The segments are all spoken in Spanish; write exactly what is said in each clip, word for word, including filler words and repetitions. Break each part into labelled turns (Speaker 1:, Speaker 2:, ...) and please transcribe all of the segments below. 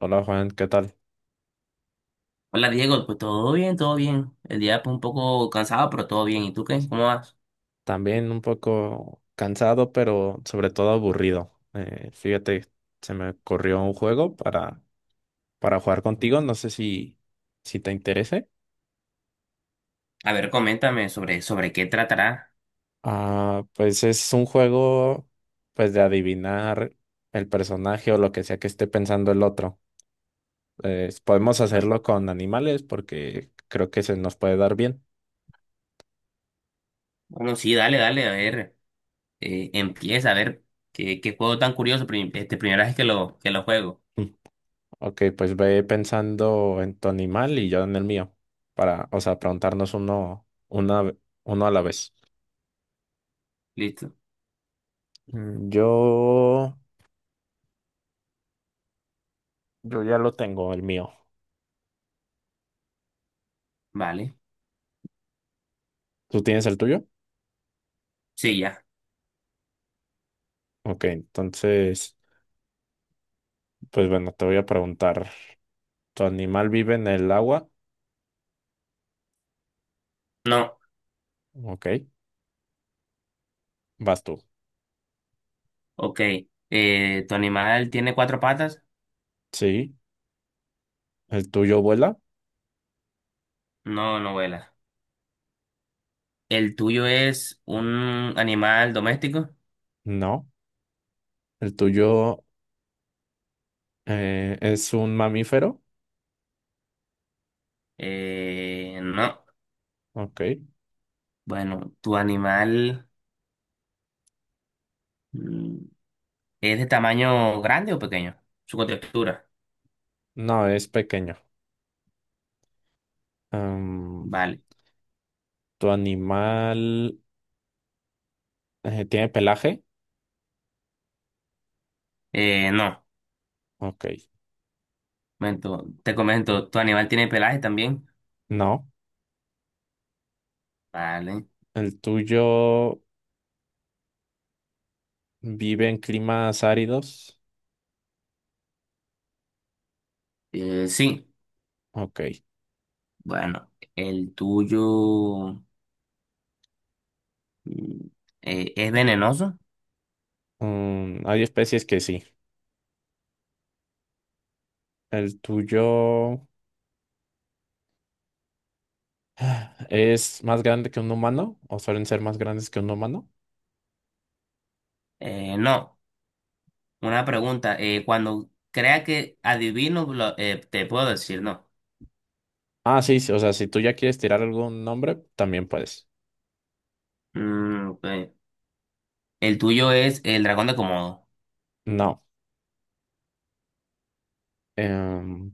Speaker 1: Hola Juan, ¿qué tal?
Speaker 2: Hola Diego, pues todo bien, todo bien. El día pues un poco cansado, pero todo bien. ¿Y tú qué? ¿Cómo vas?
Speaker 1: También un poco cansado, pero sobre todo aburrido. Eh, fíjate, se me ocurrió un juego para, para jugar contigo, no sé si, si te interese.
Speaker 2: A ver, coméntame sobre, sobre qué tratará.
Speaker 1: Ah, pues es un juego pues de adivinar el personaje o lo que sea que esté pensando el otro. Eh, podemos
Speaker 2: Bueno,
Speaker 1: hacerlo con animales porque creo que se nos puede dar bien.
Speaker 2: bueno, sí, dale, dale, a ver, eh, empieza a ver qué, qué juego tan curioso, prim- este primera vez que lo, que lo juego.
Speaker 1: Ok, pues ve pensando en tu animal y yo en el mío, para, o sea, preguntarnos uno, una, ve- uno a la vez.
Speaker 2: Listo,
Speaker 1: Mm, Yo, yo ya lo tengo, el mío.
Speaker 2: vale.
Speaker 1: ¿Tú tienes el tuyo?
Speaker 2: Sí, ya.
Speaker 1: Ok, entonces, pues bueno, te voy a preguntar, ¿tu animal vive en el agua?
Speaker 2: No,
Speaker 1: Ok, vas tú.
Speaker 2: ok. Eh, ¿tu animal tiene cuatro patas?
Speaker 1: Sí, ¿el tuyo vuela?
Speaker 2: No, no vuela. ¿El tuyo es un animal doméstico?
Speaker 1: No. ¿El tuyo eh, es un mamífero?
Speaker 2: Eh, no.
Speaker 1: Ok,
Speaker 2: Bueno, tu animal... mm, ¿Es de tamaño grande o pequeño? Su contextura.
Speaker 1: no, es pequeño. Am,
Speaker 2: Vale.
Speaker 1: ¿Tu animal... Eh, ¿tiene pelaje?
Speaker 2: Eh, no.
Speaker 1: Ok.
Speaker 2: Momento, te comento, ¿tu animal tiene pelaje también?
Speaker 1: No.
Speaker 2: Vale.
Speaker 1: ¿El tuyo vive en climas áridos?
Speaker 2: Eh, sí.
Speaker 1: Ok.
Speaker 2: Bueno, el tuyo, mm, eh, ¿es venenoso?
Speaker 1: Mm, hay especies que sí. ¿El tuyo es más grande que un humano? ¿O suelen ser más grandes que un humano?
Speaker 2: Eh, no. Una pregunta, eh, cuando crea que adivino, lo- eh, te puedo decir no.
Speaker 1: Ah, sí, sí, o sea, si tú ya quieres tirar algún nombre, también puedes.
Speaker 2: Mm, ok. El tuyo es el dragón de Komodo.
Speaker 1: No. Em,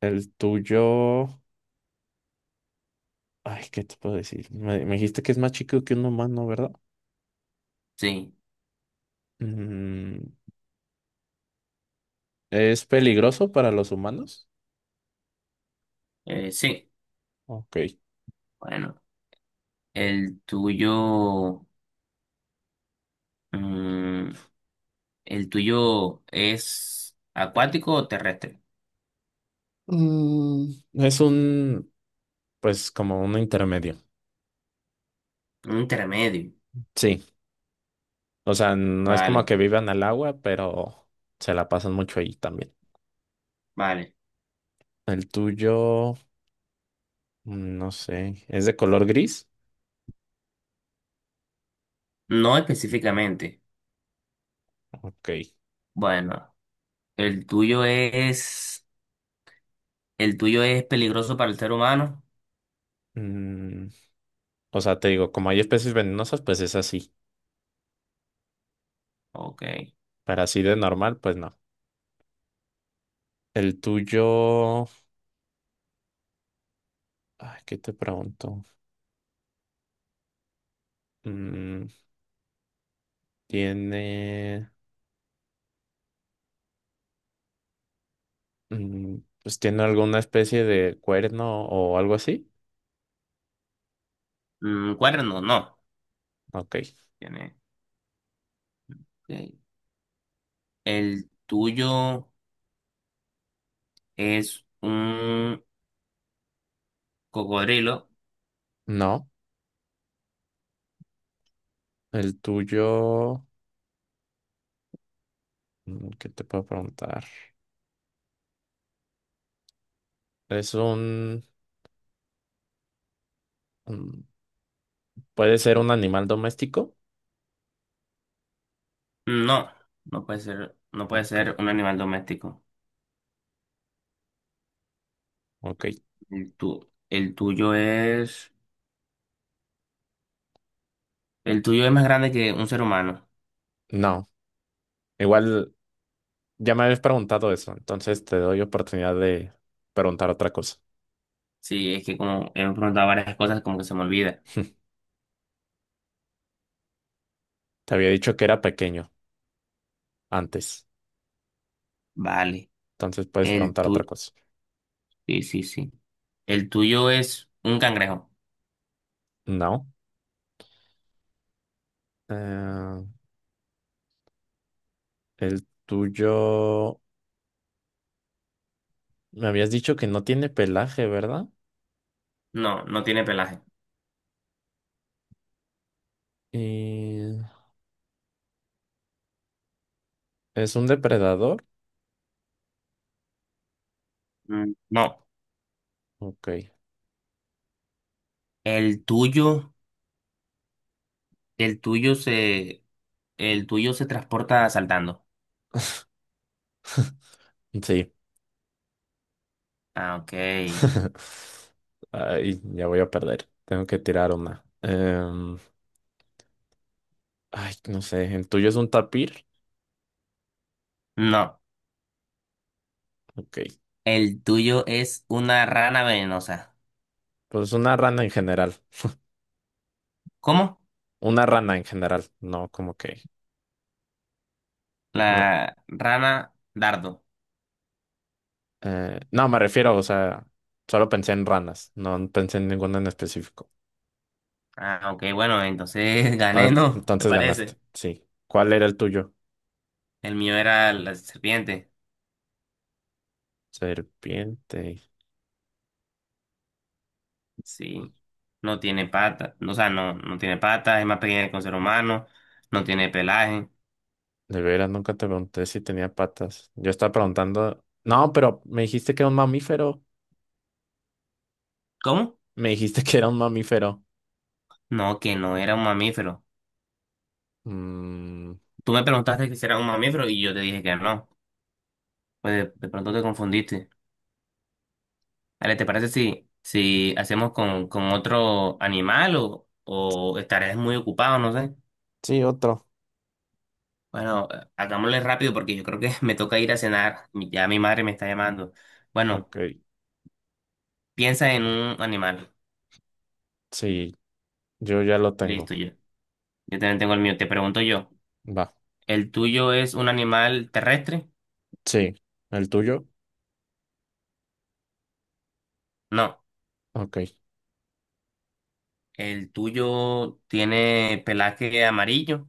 Speaker 1: el tuyo... Ay, ¿qué te puedo decir? Me, me dijiste que es más chico que un humano, ¿verdad?
Speaker 2: Sí.
Speaker 1: Mm, ¿es peligroso para los humanos?
Speaker 2: Eh, sí.
Speaker 1: Ok.
Speaker 2: Bueno. El tuyo, mm, ¿el tuyo es acuático o terrestre?
Speaker 1: Mm, Es un, pues como un intermedio.
Speaker 2: Un intermedio.
Speaker 1: Sí, o sea, no es como
Speaker 2: Vale,
Speaker 1: que vivan al agua, pero se la pasan mucho ahí también.
Speaker 2: vale.
Speaker 1: El tuyo, mm, no sé, ¿es de color gris?
Speaker 2: No específicamente.
Speaker 1: Ok.
Speaker 2: Bueno, ¿el tuyo es, ¿el tuyo es peligroso para el ser humano?
Speaker 1: Mm, o sea, te digo, como hay especies venenosas, pues es así.
Speaker 2: Ok.
Speaker 1: Para así de normal, pues no. El tuyo, ay, ¿qué te pregunto? Mm, tiene, mm, pues tiene alguna especie de cuerno o algo así.
Speaker 2: Mm, cuerno, no.
Speaker 1: Ok.
Speaker 2: Tiene. Ok. ¿El tuyo es un cocodrilo?
Speaker 1: No. El tuyo, mm, ¿qué te puedo preguntar? Es un, un- ¿puede ser un animal doméstico?
Speaker 2: No, no puede ser, no puede
Speaker 1: Ok,
Speaker 2: ser un animal doméstico.
Speaker 1: ok.
Speaker 2: El tu- el tuyo es, el tuyo es más grande que un ser humano.
Speaker 1: No, igual ya me habías preguntado eso, entonces te doy oportunidad de preguntar otra cosa.
Speaker 2: Sí, es que como hemos preguntado varias cosas, como que se me olvida.
Speaker 1: Te había dicho que era pequeño antes,
Speaker 2: Vale.
Speaker 1: entonces puedes
Speaker 2: El
Speaker 1: preguntar
Speaker 2: tu...
Speaker 1: otra cosa.
Speaker 2: Sí, sí, sí. El tuyo es un cangrejo.
Speaker 1: No. Eh, el tuyo, me habías dicho que no tiene pelaje, ¿verdad?
Speaker 2: No, no tiene pelaje.
Speaker 1: Y es un depredador.
Speaker 2: Mm, no.
Speaker 1: Ok.
Speaker 2: El tuyo, el tuyo se, el tuyo se transporta saltando.
Speaker 1: Sí.
Speaker 2: Ah, ok.
Speaker 1: Ay, ya voy a perder. Tengo que tirar una. Em, ay, no sé. ¿El tuyo es un tapir?
Speaker 2: No.
Speaker 1: Ok.
Speaker 2: El tuyo es una rana venenosa.
Speaker 1: Pues una rana en general.
Speaker 2: ¿Cómo?
Speaker 1: Una rana en general. No, como que. una-
Speaker 2: La rana dardo.
Speaker 1: eh, no, me refiero, o sea, solo pensé en ranas. No pensé en ninguna en específico.
Speaker 2: Ah, ok, bueno, entonces gané,
Speaker 1: Entonces,
Speaker 2: ¿no? ¿Te
Speaker 1: entonces ganaste.
Speaker 2: parece?
Speaker 1: Sí. ¿Cuál era el tuyo?
Speaker 2: El mío era la serpiente.
Speaker 1: Serpiente.
Speaker 2: Sí, no tiene patas, o sea, no, no tiene patas, es más pequeña que un ser humano, no tiene pelaje.
Speaker 1: De veras, nunca te pregunté si tenía patas. Yo estaba preguntando. No, pero me dijiste que era un mamífero.
Speaker 2: ¿Cómo?
Speaker 1: Me dijiste que era un mamífero.
Speaker 2: No, que no era un mamífero.
Speaker 1: Mm,
Speaker 2: Tú me preguntaste que si era un mamífero y yo te dije que no. Pues de, de pronto te confundiste. Ale, ¿te parece si, si hacemos con, con otro animal o, o estarás muy ocupado, no sé?
Speaker 1: Sí, otro.
Speaker 2: Bueno, eh, hagámosle rápido porque yo creo que me toca ir a cenar. Mi- ya mi madre me está llamando. Bueno,
Speaker 1: Ok,
Speaker 2: piensa en un animal.
Speaker 1: sí, yo ya lo tengo.
Speaker 2: Listo, yo. Yo también tengo el mío. Te pregunto yo.
Speaker 1: Va,
Speaker 2: ¿El tuyo es un animal terrestre?
Speaker 1: sí. ¿El tuyo?
Speaker 2: No.
Speaker 1: Ok.
Speaker 2: ¿El tuyo tiene pelaje amarillo?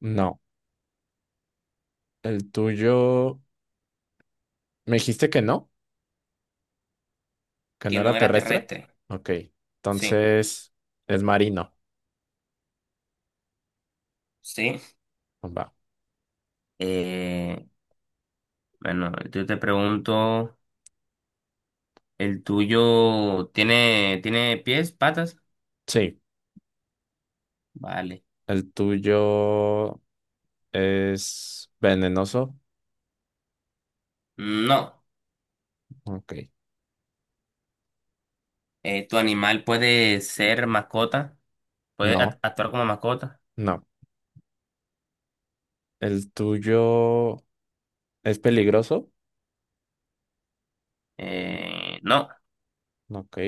Speaker 1: No. ¿El tuyo? ¿Me dijiste que no? ¿Que
Speaker 2: Que
Speaker 1: no
Speaker 2: no
Speaker 1: era
Speaker 2: era
Speaker 1: terrestre?
Speaker 2: terrestre.
Speaker 1: Ok.
Speaker 2: Sí.
Speaker 1: Entonces, es marino.
Speaker 2: Sí.
Speaker 1: Va.
Speaker 2: Eh, bueno, yo te pregunto, ¿el tuyo tiene, ¿tiene pies, patas?
Speaker 1: Sí.
Speaker 2: Vale.
Speaker 1: ¿El tuyo es venenoso?
Speaker 2: No.
Speaker 1: Ok.
Speaker 2: Eh, ¿tu animal puede ser mascota? ¿Puede act-
Speaker 1: No,
Speaker 2: actuar como mascota?
Speaker 1: no. ¿El tuyo es peligroso?
Speaker 2: Eh, no.
Speaker 1: Ok.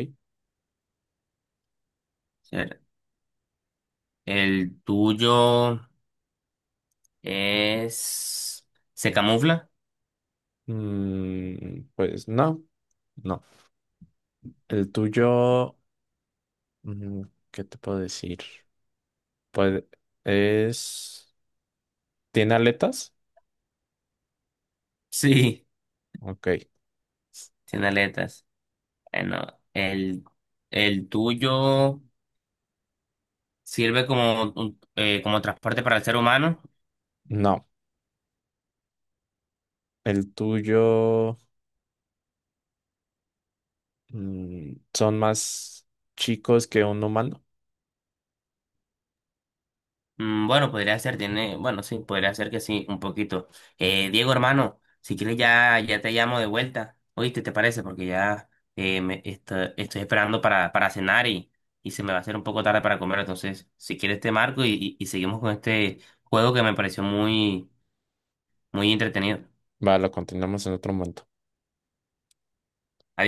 Speaker 2: Ser- ¿El tuyo es... ¿se camufla?
Speaker 1: Mm, pues no, no. El tuyo, mm, ¿qué te puedo decir? Pues es... ¿Tiene aletas?
Speaker 2: Sí.
Speaker 1: Ok.
Speaker 2: Tiene aletas. Bueno, el, el tuyo sirve como, un- eh, como transporte para el ser humano.
Speaker 1: No. El tuyo, mm, son más chicos que un humano.
Speaker 2: Mm, bueno, podría ser, tiene, bueno, sí, podría ser que sí, un poquito. Eh, Diego, hermano, si quieres ya, ya te llamo de vuelta. ¿Oíste, te parece? Porque ya eh, me, esto- estoy esperando para, para cenar y, y se me va a hacer un poco tarde para comer. Entonces, si quieres te marco y, y y seguimos con este juego que me pareció muy, muy entretenido.
Speaker 1: Va, lo continuamos en otro momento.